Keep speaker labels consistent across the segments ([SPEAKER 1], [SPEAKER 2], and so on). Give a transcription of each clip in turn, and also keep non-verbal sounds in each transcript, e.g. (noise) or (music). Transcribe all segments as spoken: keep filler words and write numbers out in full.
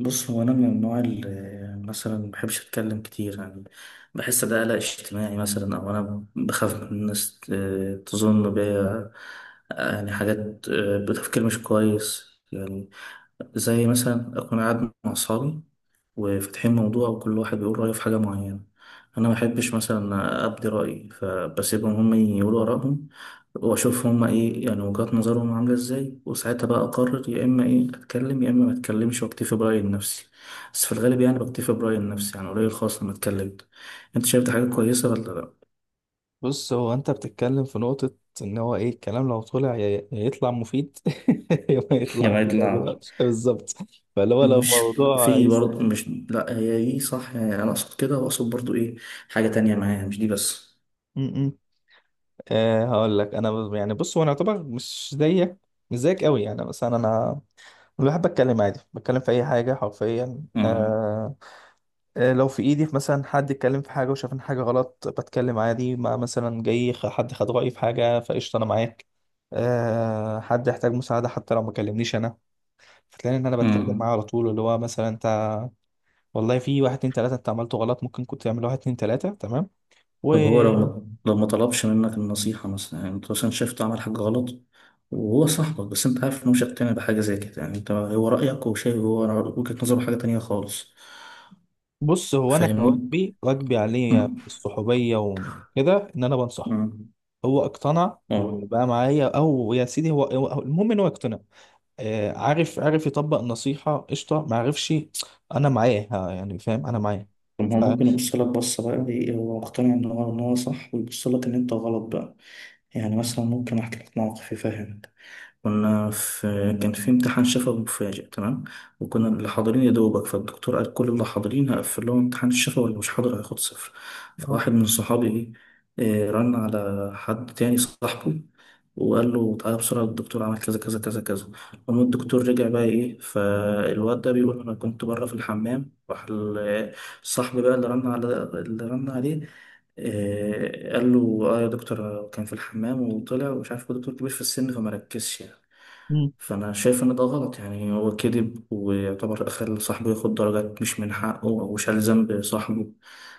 [SPEAKER 1] بص، هو انا من النوع اللي مثلا ما بحبش اتكلم كتير يعني بحس ده قلق اجتماعي، مثلا او انا بخاف من الناس ت- تظن بيا يعني حاجات، آه، بتفكير مش كويس. يعني زي مثلا أكون قاعد مع أصحابي وفاتحين موضوع، وكل واحد بيقول رأيه في حاجة معينة. أنا ما بحبش مثلا أبدي رأيي فبسيبهم هم يقولوا آرائهم وأشوف هم إيه يعني وجهات نظرهم عاملة إزاي، وساعتها بقى أقرر يا إما إيه أتكلم يا إما ما أتكلمش وأكتفي برأيي النفسي. بس في الغالب يعني بكتفي برأيي النفسي، يعني قليل خالص لما أتكلم. أنت شايف دي حاجة كويسة ولا لأ؟
[SPEAKER 2] بص، هو انت بتتكلم في نقطة ان هو ايه الكلام لو طلع يا يا يطلع مفيد (laughs) يا ما يطلع.
[SPEAKER 1] جمعية العمل.
[SPEAKER 2] بالظبط. فاللي هو لو
[SPEAKER 1] مش
[SPEAKER 2] موضوع
[SPEAKER 1] في برضه،
[SPEAKER 2] يستاهل.
[SPEAKER 1] مش لأ هي دي صح، يعني أنا أقصد كده وأقصد برضه إيه حاجة تانية معايا مش دي بس.
[SPEAKER 2] م- م. آه، هقول لك انا بز- يعني بص هو انا يعتبر مش زيك، مش زيك قوي. يعني مثلا انا، أنا بحب اتكلم عادي، بتكلم في اي حاجة حرفيا
[SPEAKER 1] مم.
[SPEAKER 2] آه آه، لو في ايدي مثلا حد اتكلم في حاجة وشاف ان حاجة غلط بتكلم عادي. ما مثلا جاي خ- حد خد رأيي في حاجة فقشطة انا معاك. آه، حد يحتاج مساعدة حتى لو ما كلمنيش انا، هتلاقي ان انا بتكلم
[SPEAKER 1] مم.
[SPEAKER 2] معاه على طول، اللي هو مثلا انت والله في واحد اتنين تلاته انت عملته غلط، ممكن كنت تعمل واحد اتنين تلاته تمام
[SPEAKER 1] طب هو لو
[SPEAKER 2] وبص.
[SPEAKER 1] ما لو ما طلبش منك النصيحة مثلا، يعني انت مثلا شايف عمل حاجة غلط وهو صاحبك، بس انت عارف انه مش هيقتنع بحاجة زي كده، يعني انت هو رأيك وشايف هو وجهة نظره حاجة تانية خالص.
[SPEAKER 2] هو انا
[SPEAKER 1] فاهمني؟
[SPEAKER 2] كواجبي واجبي عليه
[SPEAKER 1] مم.
[SPEAKER 2] الصحوبيه وكده ان انا بنصحه.
[SPEAKER 1] مم.
[SPEAKER 2] هو اقتنع
[SPEAKER 1] اه.
[SPEAKER 2] وبقى معايا او يا سيدي، هو هو- المهم ان هو اقتنع. آه، عارف عارف يطبق النصيحه قشطه، ما عرفش، انا معاه، ها، يعني فاهم انا معاه.
[SPEAKER 1] طب هو
[SPEAKER 2] ف...
[SPEAKER 1] ممكن يبص لك بصة بقى ايه، هو مقتنع ان هو ان هو صح ويبص لك ان انت غلط بقى. يعني مثلا ممكن احكي لك موقف يفهمك. كنا في كان في امتحان شفوي مفاجئ، تمام. وكنا
[SPEAKER 2] مم.
[SPEAKER 1] اللي حاضرين يا دوبك، فالدكتور قال كل اللي حاضرين هقفل لهم امتحان الشفوي واللي مش حاضر هياخد صفر. فواحد من صحابي ايه، آه، رن على حد تاني صاحبه وقال له تعالى بسرعة، الدكتور عمل كذا كذا كذا كذا. المهم الدكتور رجع بقى ايه، فالواد ده بيقول انا كنت بره في الحمام، راح ال- الصاحب بقى اللي رن على اللي رن عليه آه، قال له اه يا دكتور، أنا كان في الحمام وطلع، ومش عارف هو دكتور كبير في السن فما ركزش يعني.
[SPEAKER 2] آه.
[SPEAKER 1] فأنا شايف إن ده غلط، يعني هو كذب ويعتبر خلى صاحبه ياخد درجات مش من حقه أو شال ذنب صاحبه.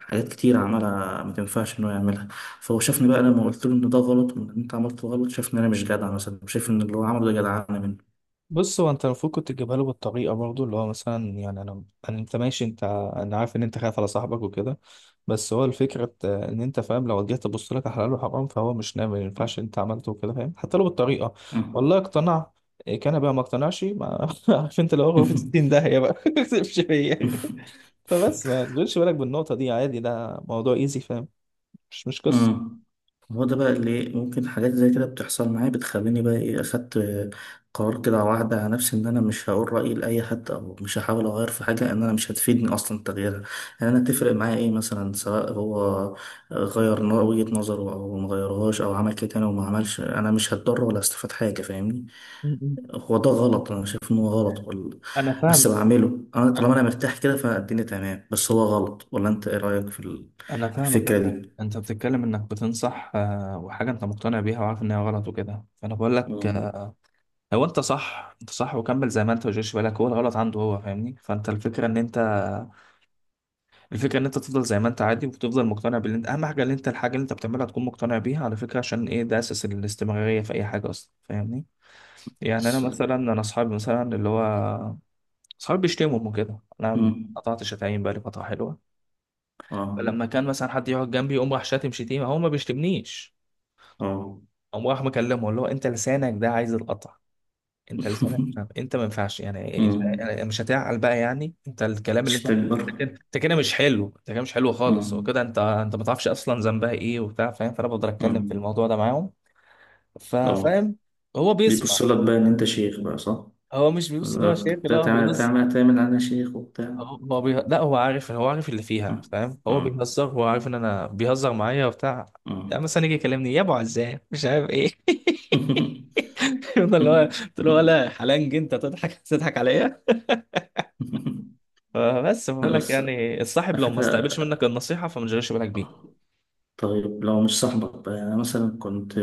[SPEAKER 1] حاجات كتير عملها ما تنفعش إنه يعملها. فهو شافني بقى لما قلت له إن ده غلط وإن أنت عملت غلط، شافني إن أنا مش جدع، مثلا شايف إن اللي هو عمله ده جدعانة
[SPEAKER 2] بص، هو انت المفروض كنت تجيبها له بالطريقه برضه، اللي هو مثلا يعني انا، انا انت ماشي، انت ع- انا عارف ان انت خايف على صاحبك وكده. بس هو الفكره بت- ان انت فاهم، لو جيت تبص لك على حلال وحرام فهو مش ناوي، ما ينفعش انت عملته وكده، فاهم، حتى لو بالطريقه
[SPEAKER 1] منه.
[SPEAKER 2] والله اقتنع. إيه كان بقى ما اقتنعش، ما (laughs) عارف انت، لو هو في ستين داهيه بقى (laughs) ما تسيبش فيا.
[SPEAKER 1] (laughs)
[SPEAKER 2] فبس ما تشغلش بالك بالنقطه دي، عادي، ده موضوع ايزي، فاهم، مش مش قصه.
[SPEAKER 1] امم. هو ده بقى اللي ممكن حاجات زي كده بتحصل معايا، بتخليني بقى ايه اخدت قرار كده على واحدة على نفسي ان انا مش هقول رأيي لأي حد، او مش هحاول اغير في حاجة ان انا مش هتفيدني اصلا تغييرها. يعني انا تفرق معايا ايه مثلا سواء هو غير ن- وجهة نظره او ما غيرهاش او عمل كده تاني وما عملش، انا مش هتضر ولا هستفاد حاجة. فاهمني؟
[SPEAKER 2] م- م.
[SPEAKER 1] هو ده غلط، انا شايف ان هو غلط وال...
[SPEAKER 2] انا
[SPEAKER 1] بس
[SPEAKER 2] فاهمك.
[SPEAKER 1] بعمله. انا طالما انا مرتاح كده فالدنيا تمام، بس هو غلط، ولا انت ايه رأيك في ال-
[SPEAKER 2] انا
[SPEAKER 1] في
[SPEAKER 2] فاهمك
[SPEAKER 1] الفكرة
[SPEAKER 2] ده
[SPEAKER 1] دي؟
[SPEAKER 2] انت بتتكلم انك بتنصح آه، وحاجه انت مقتنع بيها وعارف ان هي غلط وكده، فانا بقول لك
[SPEAKER 1] اه.
[SPEAKER 2] آه، هو انت صح، انت صح وكمل زي ما انت وجيش بالك، هو الغلط عنده هو، فاهمني، فانت الفكره ان انت الفكره ان انت تفضل زي ما انت عادي، وتفضل مقتنع باللي انت، اهم حاجه ان انت الحاجه اللي انت بتعملها تكون مقتنع بيها على فكره. عشان ايه؟ ده اساس الاستمراريه في اي حاجه اصلا، فاهمني. يعني انا
[SPEAKER 1] بس-
[SPEAKER 2] مثلا، انا اصحابي مثلا اللي هو اصحابي بيشتموا وكده، انا
[SPEAKER 1] مم.
[SPEAKER 2] قطعت شتايم بقالي فتره حلوه.
[SPEAKER 1] اه.
[SPEAKER 2] فلما كان مثلا حد يقعد جنبي يقوم راح شاتم شتيمه، هو ما بيشتمنيش،
[SPEAKER 1] اه.
[SPEAKER 2] قام راح مكلمه اللي هو انت لسانك ده عايز القطع، انت لسانك مش عارف-
[SPEAKER 1] (laughs)
[SPEAKER 2] انت ما ينفعش، يعني انت
[SPEAKER 1] مم.
[SPEAKER 2] يعني مش هتعقل بقى يعني انت الكلام اللي
[SPEAKER 1] مش
[SPEAKER 2] انت، انت
[SPEAKER 1] تكبر.
[SPEAKER 2] كده انت كده مش حلو، انت كده مش حلو خالص
[SPEAKER 1] اه.
[SPEAKER 2] وكده، انت انت ما تعرفش اصلا ذنبها ايه وبتاع، فاهم، فانا بقدر
[SPEAKER 1] اه.
[SPEAKER 2] اتكلم في الموضوع ده معاهم،
[SPEAKER 1] اه.
[SPEAKER 2] ففاهم، هو بيسمع.
[SPEAKER 1] بيبص لك بقى ان انت شيخ بقى، صح؟
[SPEAKER 2] هو مش بيبص، اللي هو شايف اللي
[SPEAKER 1] بقى
[SPEAKER 2] هو
[SPEAKER 1] تعمل
[SPEAKER 2] بيهزر.
[SPEAKER 1] تعمل تعمل انا شيخ وبتاع.
[SPEAKER 2] هو ما بيه... لا، هو عارف، هو عارف اللي فيها،
[SPEAKER 1] مم.
[SPEAKER 2] فاهم، هو
[SPEAKER 1] مم.
[SPEAKER 2] بيهزر، هو عارف ان انا بيهزر معايا وبتاع.
[SPEAKER 1] مم.
[SPEAKER 2] يعني مثلا يجي يكلمني يا ابو عزام مش عارف ايه (laughs)
[SPEAKER 1] (laughs)
[SPEAKER 2] يفضل اللي هو قلت له ولا حلنج، انت تضحك تضحك عليا. فبس بقول لك
[SPEAKER 1] بس
[SPEAKER 2] يعني الصاحب
[SPEAKER 1] على
[SPEAKER 2] لو ما استقبلش
[SPEAKER 1] فكرة،
[SPEAKER 2] منك النصيحه فما تشغلش بالك بيه.
[SPEAKER 1] طيب لو مش صاحبك بقى، يعني مثلا كنت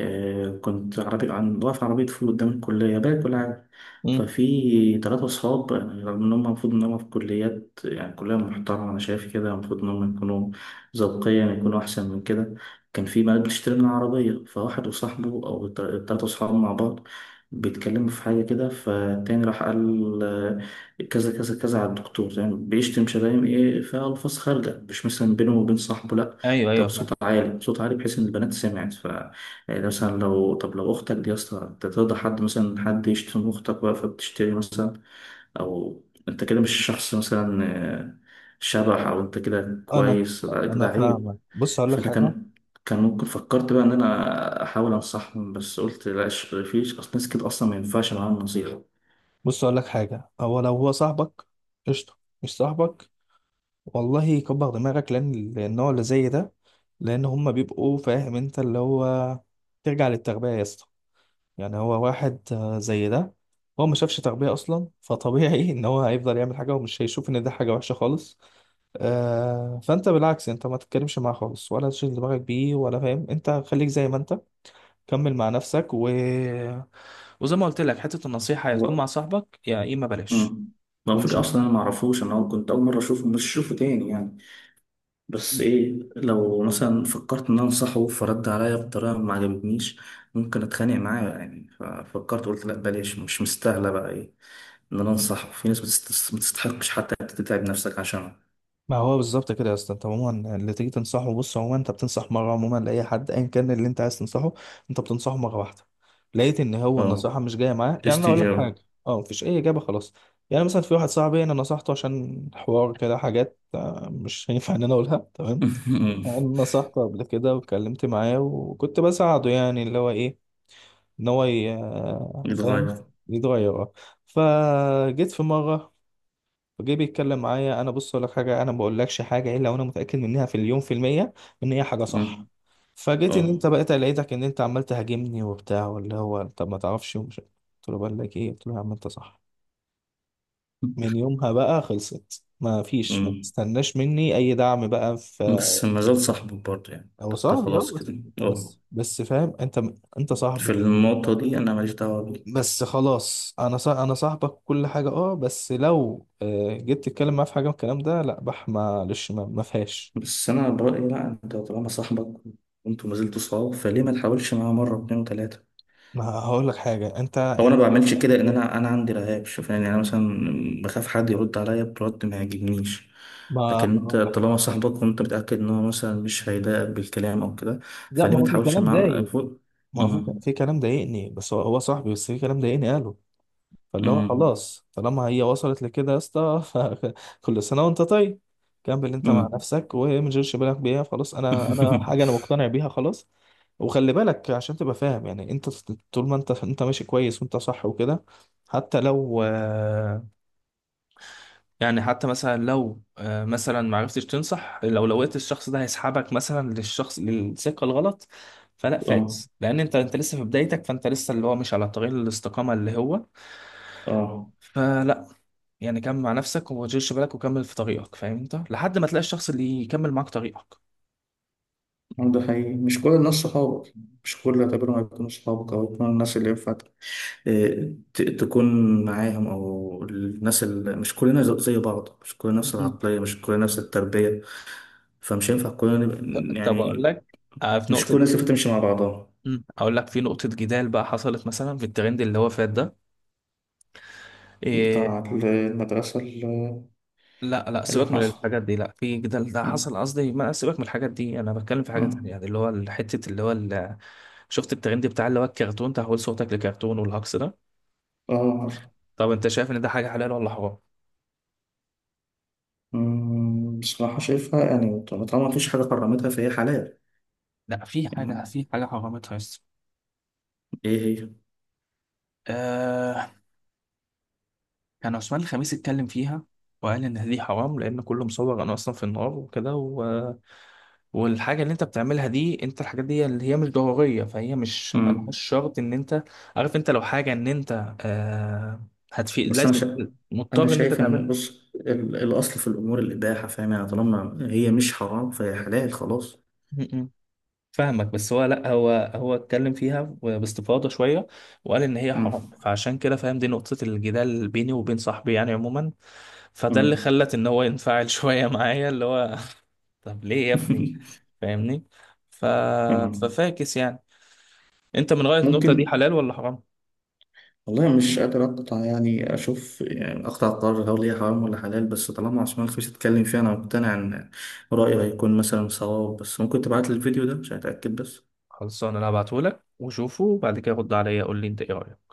[SPEAKER 1] آه، كنت عربي، عن واقف عربية فول قدام الكلية باكل كل حاجة،
[SPEAKER 2] امم
[SPEAKER 1] ففي تلاتة صحاب، يعني رغم إن هم المفروض إن هم في كليات، يعني كلية محترمة، أنا شايف كده المفروض إن هم يكونوا ذوقيا يكونوا أحسن من كده. كان في بنات بتشتري من العربية، فواحد وصاحبه أو الت- التلاتة صحاب مع بعض بيتكلموا في حاجة كده، فالتاني راح قال آه، كذا كذا كذا على الدكتور، يعني بيشتم شتايم إيه، فألفاظ خارجة، مش مثلا بينه وبين صاحبه، لأ
[SPEAKER 2] ايوه،
[SPEAKER 1] ده
[SPEAKER 2] ايوه،
[SPEAKER 1] بصوت
[SPEAKER 2] فاهم.
[SPEAKER 1] عالي، بصوت عالي بحيث إن البنات سمعت. ف، يعني مثلا لو طب لو أختك دي يا اسطى، أنت ترضى حد مثلا حد يشتم أختك بقى فبتشتري مثلا، أو أنت كده مش شخص مثلا آه، شبح، أو أنت كده
[SPEAKER 2] انا
[SPEAKER 1] كويس؟ لا
[SPEAKER 2] انا
[SPEAKER 1] كده عيب.
[SPEAKER 2] فاهمك. بص اقول لك
[SPEAKER 1] فأنا
[SPEAKER 2] حاجه.
[SPEAKER 1] كان كان ممكن فكرت بقى إن أنا أحاول أنصحهم، بس قلت لا ش- فيش أصل، ناس كده أصلا ما ينفعش معاهم نصيحة.
[SPEAKER 2] بص اقول لك حاجه هو لو هو صاحبك قشطه، مش صاحبك والله كبر دماغك، لان النوع اللي زي ده، لان هما بيبقوا، فاهم انت، اللي هو ترجع للتربية يا اسطى. يعني هو واحد آه، زي ده هو ما شافش تربية اصلا، فطبيعي (laughs) ان هو هيفضل يعمل حاجة ومش هيشوف ان ده حاجة وحشة خالص. آه، فانت بالعكس، انت ما تتكلمش معاه خالص ولا تشغل دماغك بيه ولا، فاهم انت، خليك زي ما انت، كمل مع نفسك و... وزي ما قلت لك حتة النصيحة هتكون
[SPEAKER 1] هو
[SPEAKER 2] مع صاحبك يا اما بلاش
[SPEAKER 1] مم. ما هو
[SPEAKER 2] ومش.
[SPEAKER 1] فكرة أصلا أنا ما أعرفوش، أنا كنت أول مرة أشوفه مش أشوفه تاني يعني. بس ايه، لو مثلا فكرت ان انا انصحه فرد عليا بطريقه ما عجبتنيش ممكن اتخانق معاه يعني، ففكرت قلت لا بلاش، مش مستاهله بقى ايه ان انا انصحه. في ناس بتست- ما تستحقش حتى إنك تتعب نفسك عشانها.
[SPEAKER 2] ما هو بالظبط كده يا اسطى، انت عموما اللي تيجي تنصحه، بص عموما انت بتنصح مره، عموما لاي حد ايا كان اللي انت عايز تنصحه، انت بتنصحه مره واحده، لقيت ان هو
[SPEAKER 1] اه.
[SPEAKER 2] النصيحه مش جايه معاه. يعني انا اقول
[SPEAKER 1] برستيج
[SPEAKER 2] لك حاجه،
[SPEAKER 1] أوي.
[SPEAKER 2] اه مفيش اي اجابه خلاص. يعني مثلا في واحد صاحبي انا نصحته عشان حوار كده، حاجات مش (laughs) هينفع ان انا اقولها، تمام؟ انا
[SPEAKER 1] (laughs)
[SPEAKER 2] نصحته قبل كده واتكلمت معاه وكنت بساعده، يعني اللي هو ايه؟ ان هو ي- فاهم،
[SPEAKER 1] يتغير.
[SPEAKER 2] يتغير، اه. فجيت في مره فجه بيتكلم معايا، انا بص اقول لك حاجه، انا ما بقولكش حاجه الا وانا متاكد منها في اليوم في المية، ان هي حاجه صح.
[SPEAKER 1] أمم.
[SPEAKER 2] فجيت ان
[SPEAKER 1] اه.
[SPEAKER 2] انت بقيت لقيتك ان انت عمال تهاجمني وبتاع، واللي هو طب ما تعرفش ومش قلت له، بقول لك ايه قلت له يا عم انت صح. من يومها بقى خلصت، ما فيش، ما
[SPEAKER 1] أمم.
[SPEAKER 2] تستناش مني اي دعم بقى في.
[SPEAKER 1] بس ما زال صاحبه برضه يعني،
[SPEAKER 2] هو
[SPEAKER 1] انت
[SPEAKER 2] صاحبي اه
[SPEAKER 1] خلاص
[SPEAKER 2] بس،
[SPEAKER 1] كده اه
[SPEAKER 2] بس بس فاهم انت، انت
[SPEAKER 1] في
[SPEAKER 2] صاحبي
[SPEAKER 1] النقطه دي انا ماليش دعوه بيه.
[SPEAKER 2] بس خلاص. انا صاح... انا صاحبك كل حاجه، اه، بس لو آه، جيت تتكلم معايا في حاجه من الكلام ده، لا، بح، معلش، ما ما فيهاش.
[SPEAKER 1] بس انا برأيي لا، انت طالما صاحبك وانتوا ما زلتوا صحاب فليه ما تحاولش معاه مره واتنين وتلاته.
[SPEAKER 2] ما هقول لك حاجه، انت
[SPEAKER 1] هو انا
[SPEAKER 2] انت
[SPEAKER 1] ما بعملش كده، ان انا انا عندي رهاب شوف، يعني انا مثلا بخاف حد يرد عليا برد ما يعجبنيش.
[SPEAKER 2] ما
[SPEAKER 1] لكن
[SPEAKER 2] ما
[SPEAKER 1] انت
[SPEAKER 2] هقول لك.
[SPEAKER 1] طالما صاحبك وانت متأكد ان هو مثلا مش هيضايقك بالكلام او كده
[SPEAKER 2] لا،
[SPEAKER 1] فليه
[SPEAKER 2] ما
[SPEAKER 1] ما
[SPEAKER 2] هو في
[SPEAKER 1] تحاولش
[SPEAKER 2] كلام
[SPEAKER 1] معاه
[SPEAKER 2] ضايق،
[SPEAKER 1] فوق.
[SPEAKER 2] ما هو في
[SPEAKER 1] أمم،
[SPEAKER 2] في كلام ضايقني، بس هو هو صاحبي، بس في كلام ضايقني قاله. فاللي هو
[SPEAKER 1] أمم،
[SPEAKER 2] خلاص طالما هي وصلت لكده يا اسطى، (laughs) كل سنه وانت طيب، كمل انت مع
[SPEAKER 1] أمم.
[SPEAKER 2] نفسك وما تشغلش بالك بيها خلاص، انا انا حاجه انا
[SPEAKER 1] (laughs)
[SPEAKER 2] مقتنع بيها خلاص. وخلي بالك عشان تبقى فاهم، يعني انت طول ما انت انت ماشي كويس وانت صح وكده، حتى لو، يعني حتى مثلا لو آه، مثلا ما عرفتش تنصح لو لقيت الشخص ده هيسحبك مثلا للشخص، للسكه الغلط، فلا،
[SPEAKER 1] اه.
[SPEAKER 2] فاكس، لان انت انت لسه في بدايتك، فانت لسه اللي هو مش على طريق الاستقامه اللي هو،
[SPEAKER 1] اه.
[SPEAKER 2] فلا، يعني كمل مع نفسك وما تشغلش بالك، وكمل في طريقك، فاهم انت، لحد ما تلاقي الشخص اللي يكمل معاك طريقك.
[SPEAKER 1] ده حقيقي، مش كل الناس صحابك، مش كل اللي هتقابلهم هيكونوا صحابك او يكونوا الناس اللي ينفع ت- تكون معاهم، او الناس اللي، مش كلنا ز- زي بعض، مش كلنا نفس
[SPEAKER 2] مم.
[SPEAKER 1] العقليه مش كلنا نفس التربيه، فمش ينفع كلنا
[SPEAKER 2] ط-
[SPEAKER 1] نبقى-
[SPEAKER 2] طب اقول
[SPEAKER 1] يعني
[SPEAKER 2] لك آه، في
[SPEAKER 1] مش كل
[SPEAKER 2] نقطه.
[SPEAKER 1] الناس تمشي مع بعضها.
[SPEAKER 2] مم. اقول لك في نقطه جدال بقى حصلت، مثلا في الترند اللي هو فات ده.
[SPEAKER 1] بتاع
[SPEAKER 2] إيه؟
[SPEAKER 1] المدرسه اللي
[SPEAKER 2] لا، لا،
[SPEAKER 1] اللي
[SPEAKER 2] سيبك من
[SPEAKER 1] حصل.
[SPEAKER 2] الحاجات دي، لا، في ده، ده
[SPEAKER 1] اه.
[SPEAKER 2] حصل، قصدي ما، سيبك من الحاجات دي، انا بتكلم في حاجه تانية،
[SPEAKER 1] آه.
[SPEAKER 2] يعني اللي هو حته اللي هو ال- شفت الترند بتاع اللي هو الكرتون تحول صوتك لكرتون والهجص ده؟
[SPEAKER 1] آه، عارف.
[SPEAKER 2] طب انت شايف ان ده حاجه حلال ولا حرام؟
[SPEAKER 1] مم، بصراحه شايفها يعني طب- طالما مفيش حاجه حرمتها فهي حلال.
[SPEAKER 2] لا، في حاجه،
[SPEAKER 1] يعني
[SPEAKER 2] في حاجه حرامتها.
[SPEAKER 1] ايه هي؟
[SPEAKER 2] يس، كان عثمان الخميس اتكلم فيها، وقال ان دي حرام، لان كله مصور انا اصلا في النار وكده و... والحاجه اللي انت بتعملها دي، انت الحاجات دي اللي هي مش ضروريه، فهي مش
[SPEAKER 1] مم.
[SPEAKER 2] ملهاش شرط ان انت، عارف انت، لو حاجه ان انت آه هتفيد،
[SPEAKER 1] بس انا
[SPEAKER 2] لازم
[SPEAKER 1] شايف انا
[SPEAKER 2] مضطر ان انت
[SPEAKER 1] شايف ان
[SPEAKER 2] تعملها.
[SPEAKER 1] بص ال- الاصل في الامور الاباحه، فاهم؟ يعني طالما هي مش حرام فهي حلال خلاص.
[SPEAKER 2] م- م. فاهمك، بس هو لا، هو هو اتكلم فيها باستفاضه شويه، وقال ان هي حرام،
[SPEAKER 1] مم.
[SPEAKER 2] فعشان كده، فاهم، دي نقطه الجدال بيني وبين صاحبي يعني عموما. فده اللي
[SPEAKER 1] مم.
[SPEAKER 2] خلت ان هو ينفعل (laughs) شويه معايا، اللي هو (laughs) طب ليه يا ابني،
[SPEAKER 1] (laughs)
[SPEAKER 2] فاهمني؟ ف...
[SPEAKER 1] تمام.
[SPEAKER 2] ففاكس يعني. انت من غاية النقطة دي،
[SPEAKER 1] ممكن.
[SPEAKER 2] حلال ولا حرام؟
[SPEAKER 1] والله مش قادر أقطع، يعني أشوف، يعني أقطع قرار هل هي حرام ولا حلال، بس طالما عثمان الخفيف اتكلم فيها أنا مقتنع إن رأيه هيكون مثلا صواب، بس ممكن تبعت لي الفيديو ده عشان أتأكد بس.
[SPEAKER 2] خلصان، انا هبعتهولك وشوفه وبعد كده رد عليا، قول لي انت ايه رأيك.